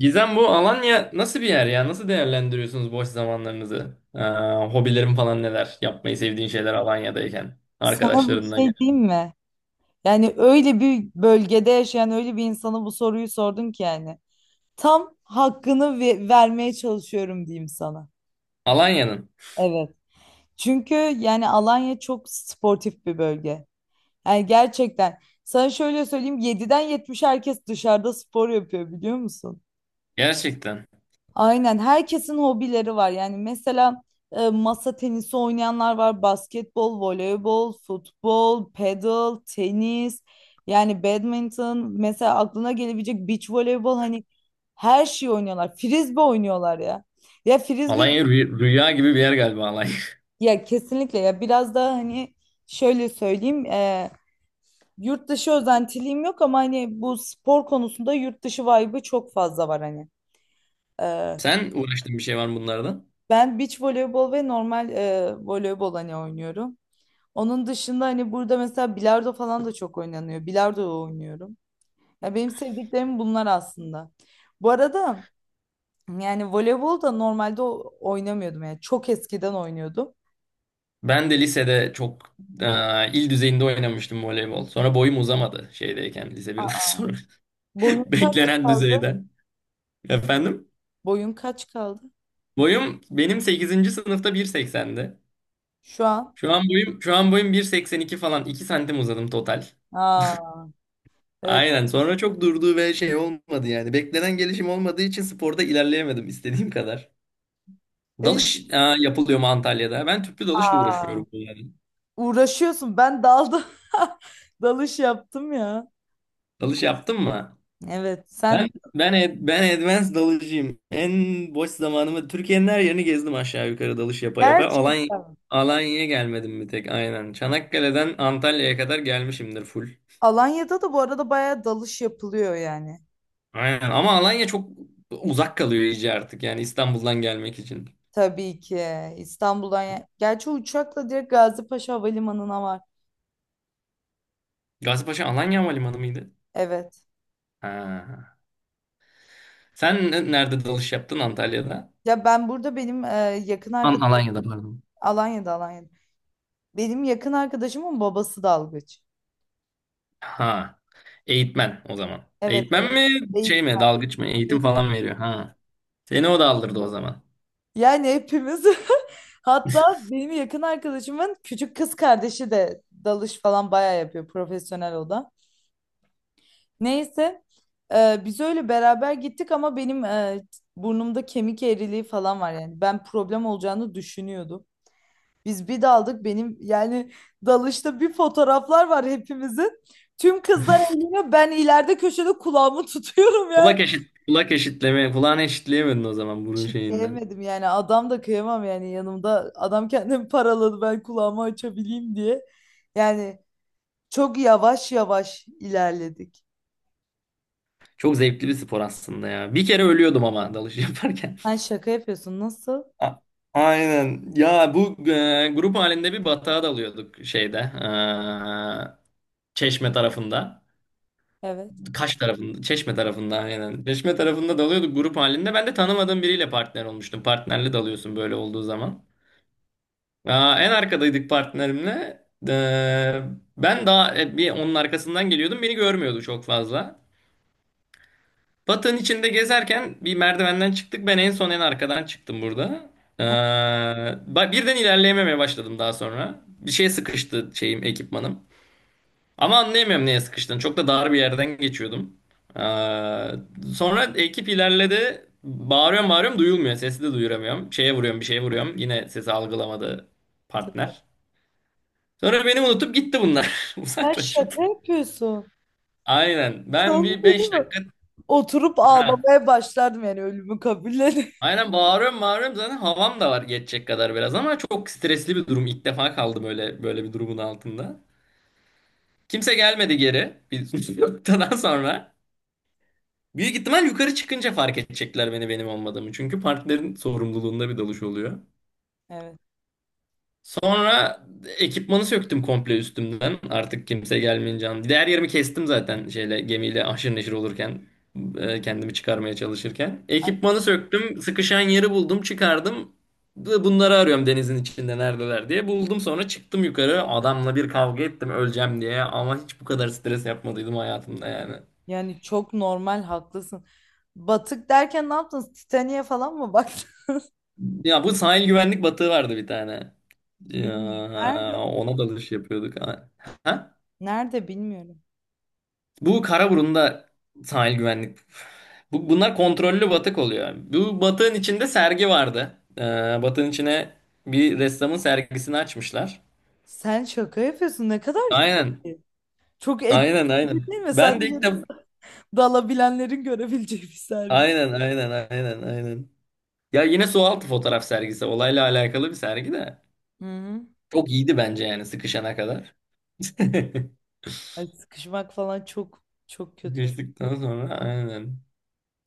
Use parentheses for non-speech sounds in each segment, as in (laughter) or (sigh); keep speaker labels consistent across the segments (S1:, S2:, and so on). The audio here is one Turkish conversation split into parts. S1: Gizem, bu Alanya nasıl bir yer ya? Nasıl değerlendiriyorsunuz boş zamanlarınızı? Hobilerin falan neler? Yapmayı sevdiğin şeyler Alanya'dayken.
S2: Sana bir
S1: Arkadaşlarınla gel.
S2: şey diyeyim mi? Yani öyle bir bölgede yaşayan öyle bir insana bu soruyu sordun ki yani. Tam hakkını vermeye çalışıyorum diyeyim sana.
S1: Alanya'nın.
S2: Evet. Çünkü yani Alanya çok sportif bir bölge. Yani gerçekten sana şöyle söyleyeyim, 7'den 70 herkes dışarıda spor yapıyor biliyor musun?
S1: Gerçekten.
S2: Aynen, herkesin hobileri var. Yani mesela masa tenisi oynayanlar var, basketbol, voleybol, futbol, paddle, tenis, yani badminton, mesela aklına gelebilecek beach voleybol, hani her şeyi oynuyorlar. Frisbee oynuyorlar ya. Ya frisbee
S1: Alanya rüya gibi bir yer galiba Alanya.
S2: ya, kesinlikle ya. Biraz daha hani şöyle söyleyeyim, yurt dışı özentiliğim yok ama hani bu spor konusunda yurt dışı vibe'ı çok fazla var hani. E,
S1: (laughs) Sen uğraştığın bir şey var mı bunlardan?
S2: Ben beach voleybol ve normal voleybol hani oynuyorum. Onun dışında hani burada mesela bilardo falan da çok oynanıyor. Bilardo oynuyorum. Ya benim sevdiklerim bunlar aslında. Bu arada, yani voleybol da normalde oynamıyordum, yani çok eskiden oynuyordum.
S1: Ben de lisede çok il düzeyinde oynamıştım voleybol. Sonra boyum uzamadı şeydeyken lise 1'den sonra. (laughs)
S2: Boyun kaç
S1: Beklenen
S2: kaldı?
S1: düzeyden. Efendim?
S2: Boyun kaç kaldı?
S1: Boyum benim sekizinci sınıfta bir seksendi.
S2: Şu an.
S1: Şu an boyum 1.82 falan, 2 santim uzadım total.
S2: Aa, evet.
S1: Aynen. Sonra çok durduğu ve şey olmadı yani. Beklenen gelişim olmadığı için sporda ilerleyemedim istediğim kadar.
S2: E,
S1: Dalış, aa, yapılıyor mu Antalya'da? Ben tüplü dalışla
S2: aa,
S1: uğraşıyorum yani.
S2: uğraşıyorsun. Ben daldım. (laughs) Dalış yaptım ya.
S1: Dalış yaptın mı?
S2: Evet.
S1: Ben
S2: Sen
S1: ben advanced dalıcıyım. En boş zamanımı Türkiye'nin her yerini gezdim aşağı yukarı dalış yapa yapa.
S2: gerçekten.
S1: Alanya'ya gelmedim bir tek, aynen. Çanakkale'den Antalya'ya kadar gelmişimdir full.
S2: Alanya'da da bu arada bayağı dalış yapılıyor yani.
S1: Aynen ama Alanya çok uzak kalıyor iyice artık yani İstanbul'dan gelmek için.
S2: Tabii ki İstanbul'dan. Gerçi uçakla direkt Gazipaşa Havalimanı'na var.
S1: Gazipaşa Alanya Havalimanı mıydı?
S2: Evet.
S1: Ha. Sen nerede dalış yaptın Antalya'da?
S2: Ya ben burada, benim yakın
S1: An
S2: arkadaşım.
S1: Alanya'da pardon.
S2: Alanya'da, Alanya'da. Benim yakın arkadaşımın babası dalgıç.
S1: Ha. Eğitmen o zaman.
S2: Evet, evet.
S1: Eğitmen mi
S2: Eğit-
S1: şey mi dalgıç mı, eğitim
S2: eğit-
S1: falan veriyor ha. Seni o da aldırdı o zaman.
S2: Yani hepimiz (laughs) hatta benim yakın arkadaşımın küçük kız kardeşi de dalış falan bayağı yapıyor, profesyonel o da. Neyse, biz öyle beraber gittik ama benim burnumda kemik eğriliği falan var, yani ben problem olacağını düşünüyordum. Biz bir daldık, benim yani dalışta bir fotoğraflar var hepimizin. Tüm kızlar eğleniyor, ben ileride köşede kulağımı (laughs) tutuyorum ya.
S1: Kulak eşit, kulak eşitleme, kulağını eşitleyemedin o zaman burun şeyinden.
S2: Şitleyemedim yani, adam da kıyamam yani, yanımda adam kendini paraladı ben kulağımı açabileyim diye. Yani çok yavaş yavaş ilerledik.
S1: Çok zevkli bir spor aslında ya. Bir kere ölüyordum ama dalış (laughs) yaparken.
S2: Sen şaka yapıyorsun, nasıl?
S1: A- Aynen. Ya bu grup halinde bir batağa dalıyorduk şeyde. Çeşme tarafında.
S2: Evet.
S1: Kaş tarafında. Çeşme tarafında aynen. Çeşme tarafında dalıyorduk grup halinde. Ben de tanımadığım biriyle partner olmuştum. Partnerle dalıyorsun böyle olduğu zaman. Aa, en arkadaydık partnerimle. E, Ben daha bir onun arkasından geliyordum. Beni görmüyordu çok fazla. Batı'nın içinde gezerken bir merdivenden çıktık. Ben en son en arkadan çıktım burada. Ee, birden ilerleyememeye başladım daha sonra. Bir şeye sıkıştı şeyim, ekipmanım. Ama anlayamıyorum neye sıkıştığını. Çok da dar bir yerden geçiyordum. Sonra ekip ilerledi. Bağırıyorum bağırıyorum, duyulmuyor. Sesi de duyuramıyorum. Şeye vuruyorum, bir şeye vuruyorum. Yine sesi algılamadı partner. Sonra beni unutup gitti bunlar. (laughs)
S2: Sen
S1: Uzaklaşıp.
S2: şaka yapıyorsun.
S1: Aynen. Ben
S2: Sen bir
S1: bir
S2: şey değil
S1: 5
S2: mi?
S1: dakika...
S2: Oturup
S1: (laughs)
S2: ağlamaya başlardım yani, ölümü kabullenip.
S1: Aynen, bağırıyorum bağırıyorum, zaten havam da var geçecek kadar biraz, ama çok stresli bir durum. İlk defa kaldım öyle böyle bir durumun altında. Kimse gelmedi geri bir (laughs) noktadan sonra. Büyük ihtimal yukarı çıkınca fark edecekler beni, benim olmadığımı. Çünkü partilerin sorumluluğunda bir dalış oluyor.
S2: (laughs) Evet.
S1: Sonra ekipmanı söktüm komple üstümden. Artık kimse gelmeyince. Diğer yerimi kestim zaten şeyle, gemiyle aşırı neşir olurken kendimi çıkarmaya çalışırken. Ekipmanı söktüm, sıkışan yeri buldum, çıkardım. Bunları arıyorum denizin içinde neredeler diye. Buldum, sonra çıktım yukarı. Adamla bir kavga ettim öleceğim diye, ama hiç bu kadar stres yapmadıydım hayatımda yani.
S2: Yani çok normal, haklısın. Batık derken ne yaptınız? Titanic'e falan mı baktın?
S1: Ya bu sahil güvenlik batığı vardı bir tane.
S2: (laughs)
S1: Ya,
S2: Bilmiyorum. Nerede?
S1: ona dalış yapıyorduk. Ha? Ha?
S2: Nerede, bilmiyorum.
S1: Bu Karaburun'da, sahil güvenlik. Bunlar kontrollü batık oluyor. Bu batığın içinde sergi vardı. Batığın içine bir ressamın sergisini açmışlar.
S2: Sen şaka yapıyorsun. Ne kadar iyi.
S1: Aynen.
S2: Çok
S1: Aynen
S2: etkileyici
S1: aynen.
S2: (laughs) değil mi?
S1: Ben de
S2: Sadece
S1: ilk defa...
S2: dalabilenlerin görebileceği bir sergi.
S1: Aynen aynen aynen aynen. Ya yine sualtı fotoğraf sergisi. Olayla alakalı bir sergi de.
S2: Hı hı.
S1: Çok iyiydi bence yani sıkışana kadar. (laughs)
S2: Ay, sıkışmak falan çok çok kötü.
S1: Sıkıştıktan sonra aynen.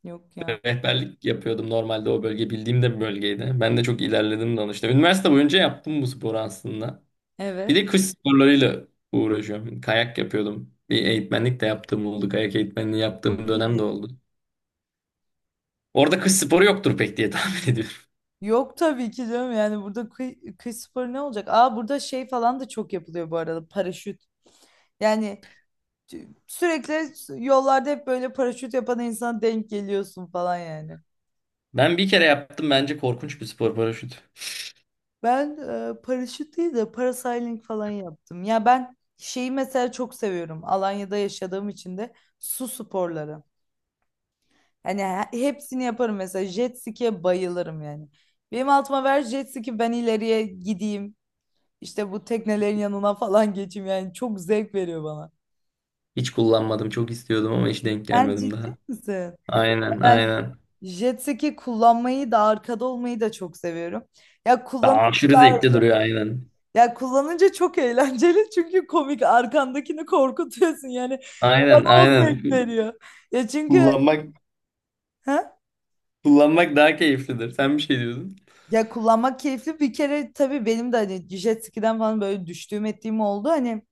S2: Yok ya.
S1: Rehberlik yapıyordum normalde, o bölge bildiğim de bir bölgeydi. Ben de çok ilerledim danışta. Üniversite boyunca yaptım bu sporu aslında. Bir
S2: Evet.
S1: de kış sporlarıyla uğraşıyorum. Kayak yapıyordum. Bir eğitmenlik de yaptığım oldu. Kayak eğitmenliği
S2: Çok
S1: yaptığım dönem de
S2: iyi.
S1: oldu. Orada kış sporu yoktur pek diye (laughs) tahmin ediyorum.
S2: Yok tabii ki canım, yani burada kıy sporu ne olacak? Aa, burada şey falan da çok yapılıyor bu arada, paraşüt. Yani sürekli yollarda hep böyle paraşüt yapan insana denk geliyorsun falan yani.
S1: Ben bir kere yaptım, bence korkunç bir spor paraşüt.
S2: Ben paraşüt değil de parasailing falan yaptım. Ya ben şeyi mesela çok seviyorum. Alanya'da yaşadığım için de, su sporları. Hani hepsini yaparım, mesela jet ski'ye bayılırım yani. Benim altıma ver jet ski, ben ileriye gideyim. İşte bu teknelerin yanına falan geçeyim, yani çok zevk veriyor bana.
S1: Hiç kullanmadım, çok istiyordum ama hiç denk
S2: Sen
S1: gelmedim
S2: ciddi
S1: daha.
S2: misin?
S1: Aynen
S2: Ben
S1: aynen.
S2: jet ski kullanmayı da arkada olmayı da çok seviyorum. Ya
S1: Daha
S2: kullanınca
S1: aşırı
S2: da,
S1: zevkli duruyor aynen.
S2: ya kullanınca çok eğlenceli (laughs) çünkü komik, arkandakini korkutuyorsun yani,
S1: Aynen
S2: bana o
S1: aynen.
S2: zevk veriyor. Ya çünkü,
S1: Kullanmak
S2: ha?
S1: kullanmak daha keyiflidir. Sen bir şey diyordun.
S2: Ya kullanmak keyifli bir kere tabii, benim de hani jet ski'den falan böyle düştüğüm ettiğim oldu hani.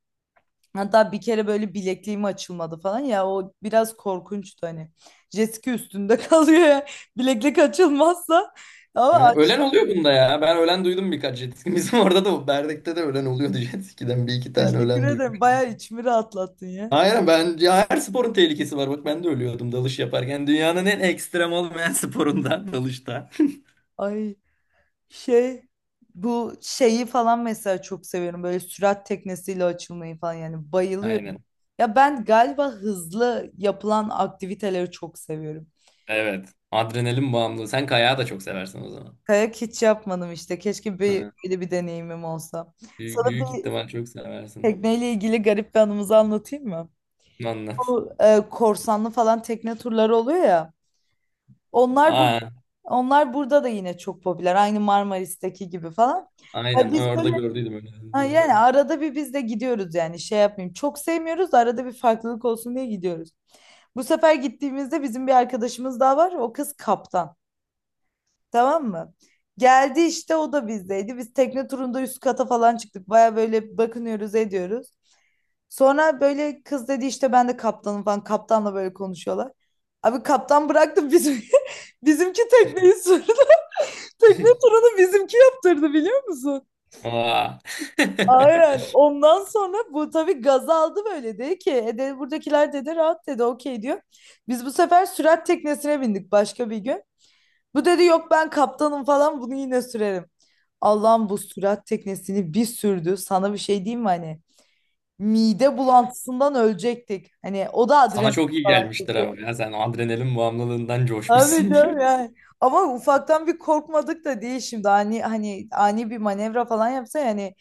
S2: Hatta bir kere böyle bilekliğim açılmadı falan ya, o biraz korkunçtu hani. Jessica üstünde (laughs) kalıyor ya. Bileklik açılmazsa, ama
S1: Yani ölen oluyor
S2: açtım.
S1: bunda ya. Ben ölen duydum birkaç jet ski. (laughs) Bizim orada da, Berdek'te de ölen oluyordu jet ski'den. Bir iki tane
S2: Teşekkür
S1: ölen
S2: ederim,
S1: duymuş.
S2: bayağı içimi rahatlattın ya.
S1: Aynen, ben ya, her sporun tehlikesi var. Bak, ben de ölüyordum dalış yaparken. Dünyanın en ekstrem olmayan sporunda (laughs) dalışta.
S2: Ay, şey, bu şeyi falan mesela çok seviyorum. Böyle sürat teknesiyle açılmayı falan yani,
S1: (laughs)
S2: bayılıyorum.
S1: Aynen.
S2: Ya ben galiba hızlı yapılan aktiviteleri çok seviyorum.
S1: Evet. Adrenalin bağımlılığı. Sen kayağı da çok seversin o zaman.
S2: Kayak hiç yapmadım işte. Keşke
S1: Hı.
S2: böyle bir deneyimim olsa.
S1: Büyük,
S2: Sana
S1: büyük
S2: bir
S1: ihtimal çok seversin.
S2: Tekneyle ilgili garip bir anımızı anlatayım mı?
S1: Anlat.
S2: Bu korsanlı falan tekne turları oluyor ya. Onlar bu,
S1: Aa,
S2: onlar burada da yine çok popüler. Aynı Marmaris'teki gibi falan. Ya
S1: aynen.
S2: biz
S1: Orada
S2: böyle,
S1: gördüydüm
S2: ha
S1: önünüzden.
S2: yani arada bir biz de gidiyoruz yani, şey yapmayayım. Çok sevmiyoruz, arada bir farklılık olsun diye gidiyoruz. Bu sefer gittiğimizde bizim bir arkadaşımız daha var. O kız kaptan. Tamam mı? Geldi işte, o da bizdeydi. Biz tekne turunda üst kata falan çıktık. Baya böyle bakınıyoruz, ediyoruz. Sonra böyle kız dedi işte ben de kaptanım falan. Kaptanla böyle konuşuyorlar. Abi, kaptan bıraktı, bizim (laughs) bizimki tekneyi sürdü. (laughs) Tekne
S1: (laughs)
S2: turunu bizimki yaptırdı, biliyor musun?
S1: Aa. (laughs)
S2: Aynen. Ondan sonra bu tabii gaza aldı, böyle dedi ki dedi, buradakiler dedi rahat dedi, okey diyor. Biz bu sefer sürat teknesine bindik başka bir gün. Bu dedi yok ben kaptanım falan, bunu yine sürerim. Allah'ım, bu sürat teknesini bir sürdü. Sana bir şey diyeyim mi hani? Mide bulantısından ölecektik. Hani o da
S1: Sana
S2: adrenalin
S1: çok iyi
S2: falan
S1: gelmiştir
S2: çekiyor.
S1: ama ya. Sen adrenalin bağımlılığından
S2: Tabii
S1: coşmuşsundur.
S2: canım yani. Ama ufaktan bir korkmadık da değil şimdi. Hani ani bir manevra falan yapsa yani,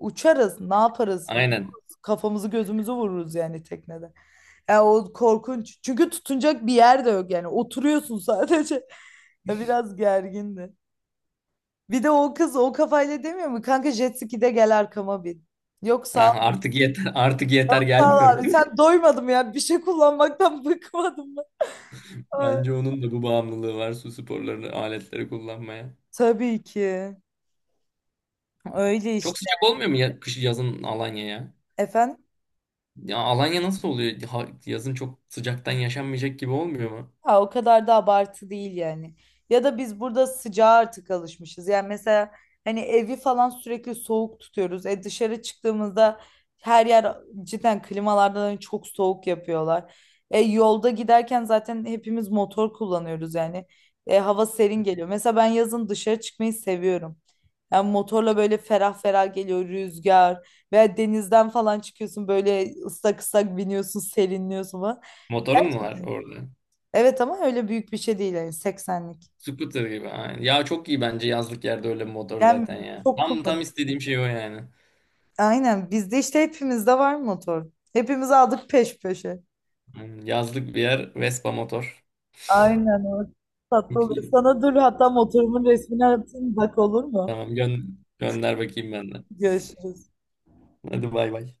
S2: uçarız, ne yaparız?
S1: Aynen.
S2: Vururuz, kafamızı gözümüzü vururuz yani, teknede. Ya o korkunç. Çünkü tutunacak bir yer de yok yani. Oturuyorsun sadece. (laughs) Ya, biraz gergindi. Bir de o kız o kafayla demiyor mu? Kanka jet ski'de gel arkama bin. Yok sağ
S1: Ha,
S2: ol,
S1: artık yeter, (laughs) artık yeter,
S2: sağ ol
S1: gelmiyorum.
S2: abi.
S1: (laughs)
S2: Sen doymadım ya. Bir şey kullanmaktan (laughs) bıkmadım. Ay,
S1: Bence onun da bu bağımlılığı var, su sporlarını, aletleri kullanmaya.
S2: tabii ki. Öyle
S1: Çok
S2: işte.
S1: sıcak olmuyor mu ya kış yazın Alanya ya?
S2: Efendim?
S1: Ya Alanya nasıl oluyor? Yazın çok sıcaktan yaşanmayacak gibi olmuyor mu?
S2: Ha, o kadar da abartı değil yani. Ya da biz burada sıcağa artık alışmışız. Yani mesela hani evi falan sürekli soğuk tutuyoruz. Dışarı çıktığımızda her yer cidden klimalardan hani çok soğuk yapıyorlar. Yolda giderken zaten hepimiz motor kullanıyoruz yani. Hava serin geliyor. Mesela ben yazın dışarı çıkmayı seviyorum. Yani motorla böyle ferah ferah geliyor rüzgar, veya denizden falan çıkıyorsun böyle ıslak ıslak biniyorsun, serinliyorsun falan.
S1: Motorun mu var orada?
S2: Evet ama öyle büyük bir şey değil yani, 80'lik.
S1: Scooter gibi aynen. Ya çok iyi bence yazlık yerde öyle bir motor
S2: Yani
S1: zaten ya.
S2: çok
S1: Tam
S2: kullanılır.
S1: istediğim şey o yani.
S2: Aynen, bizde işte hepimizde var motor. Hepimiz aldık peş peşe.
S1: Aynen. Yazlık bir yer Vespa motor.
S2: Aynen o.
S1: (laughs)
S2: Tatlı
S1: Çok
S2: oluyor.
S1: iyi.
S2: Sana dur hatta motorumun resmini atayım, bak olur mu?
S1: Tamam gönder bakayım ben de.
S2: Görüşürüz.
S1: Hadi bay bay.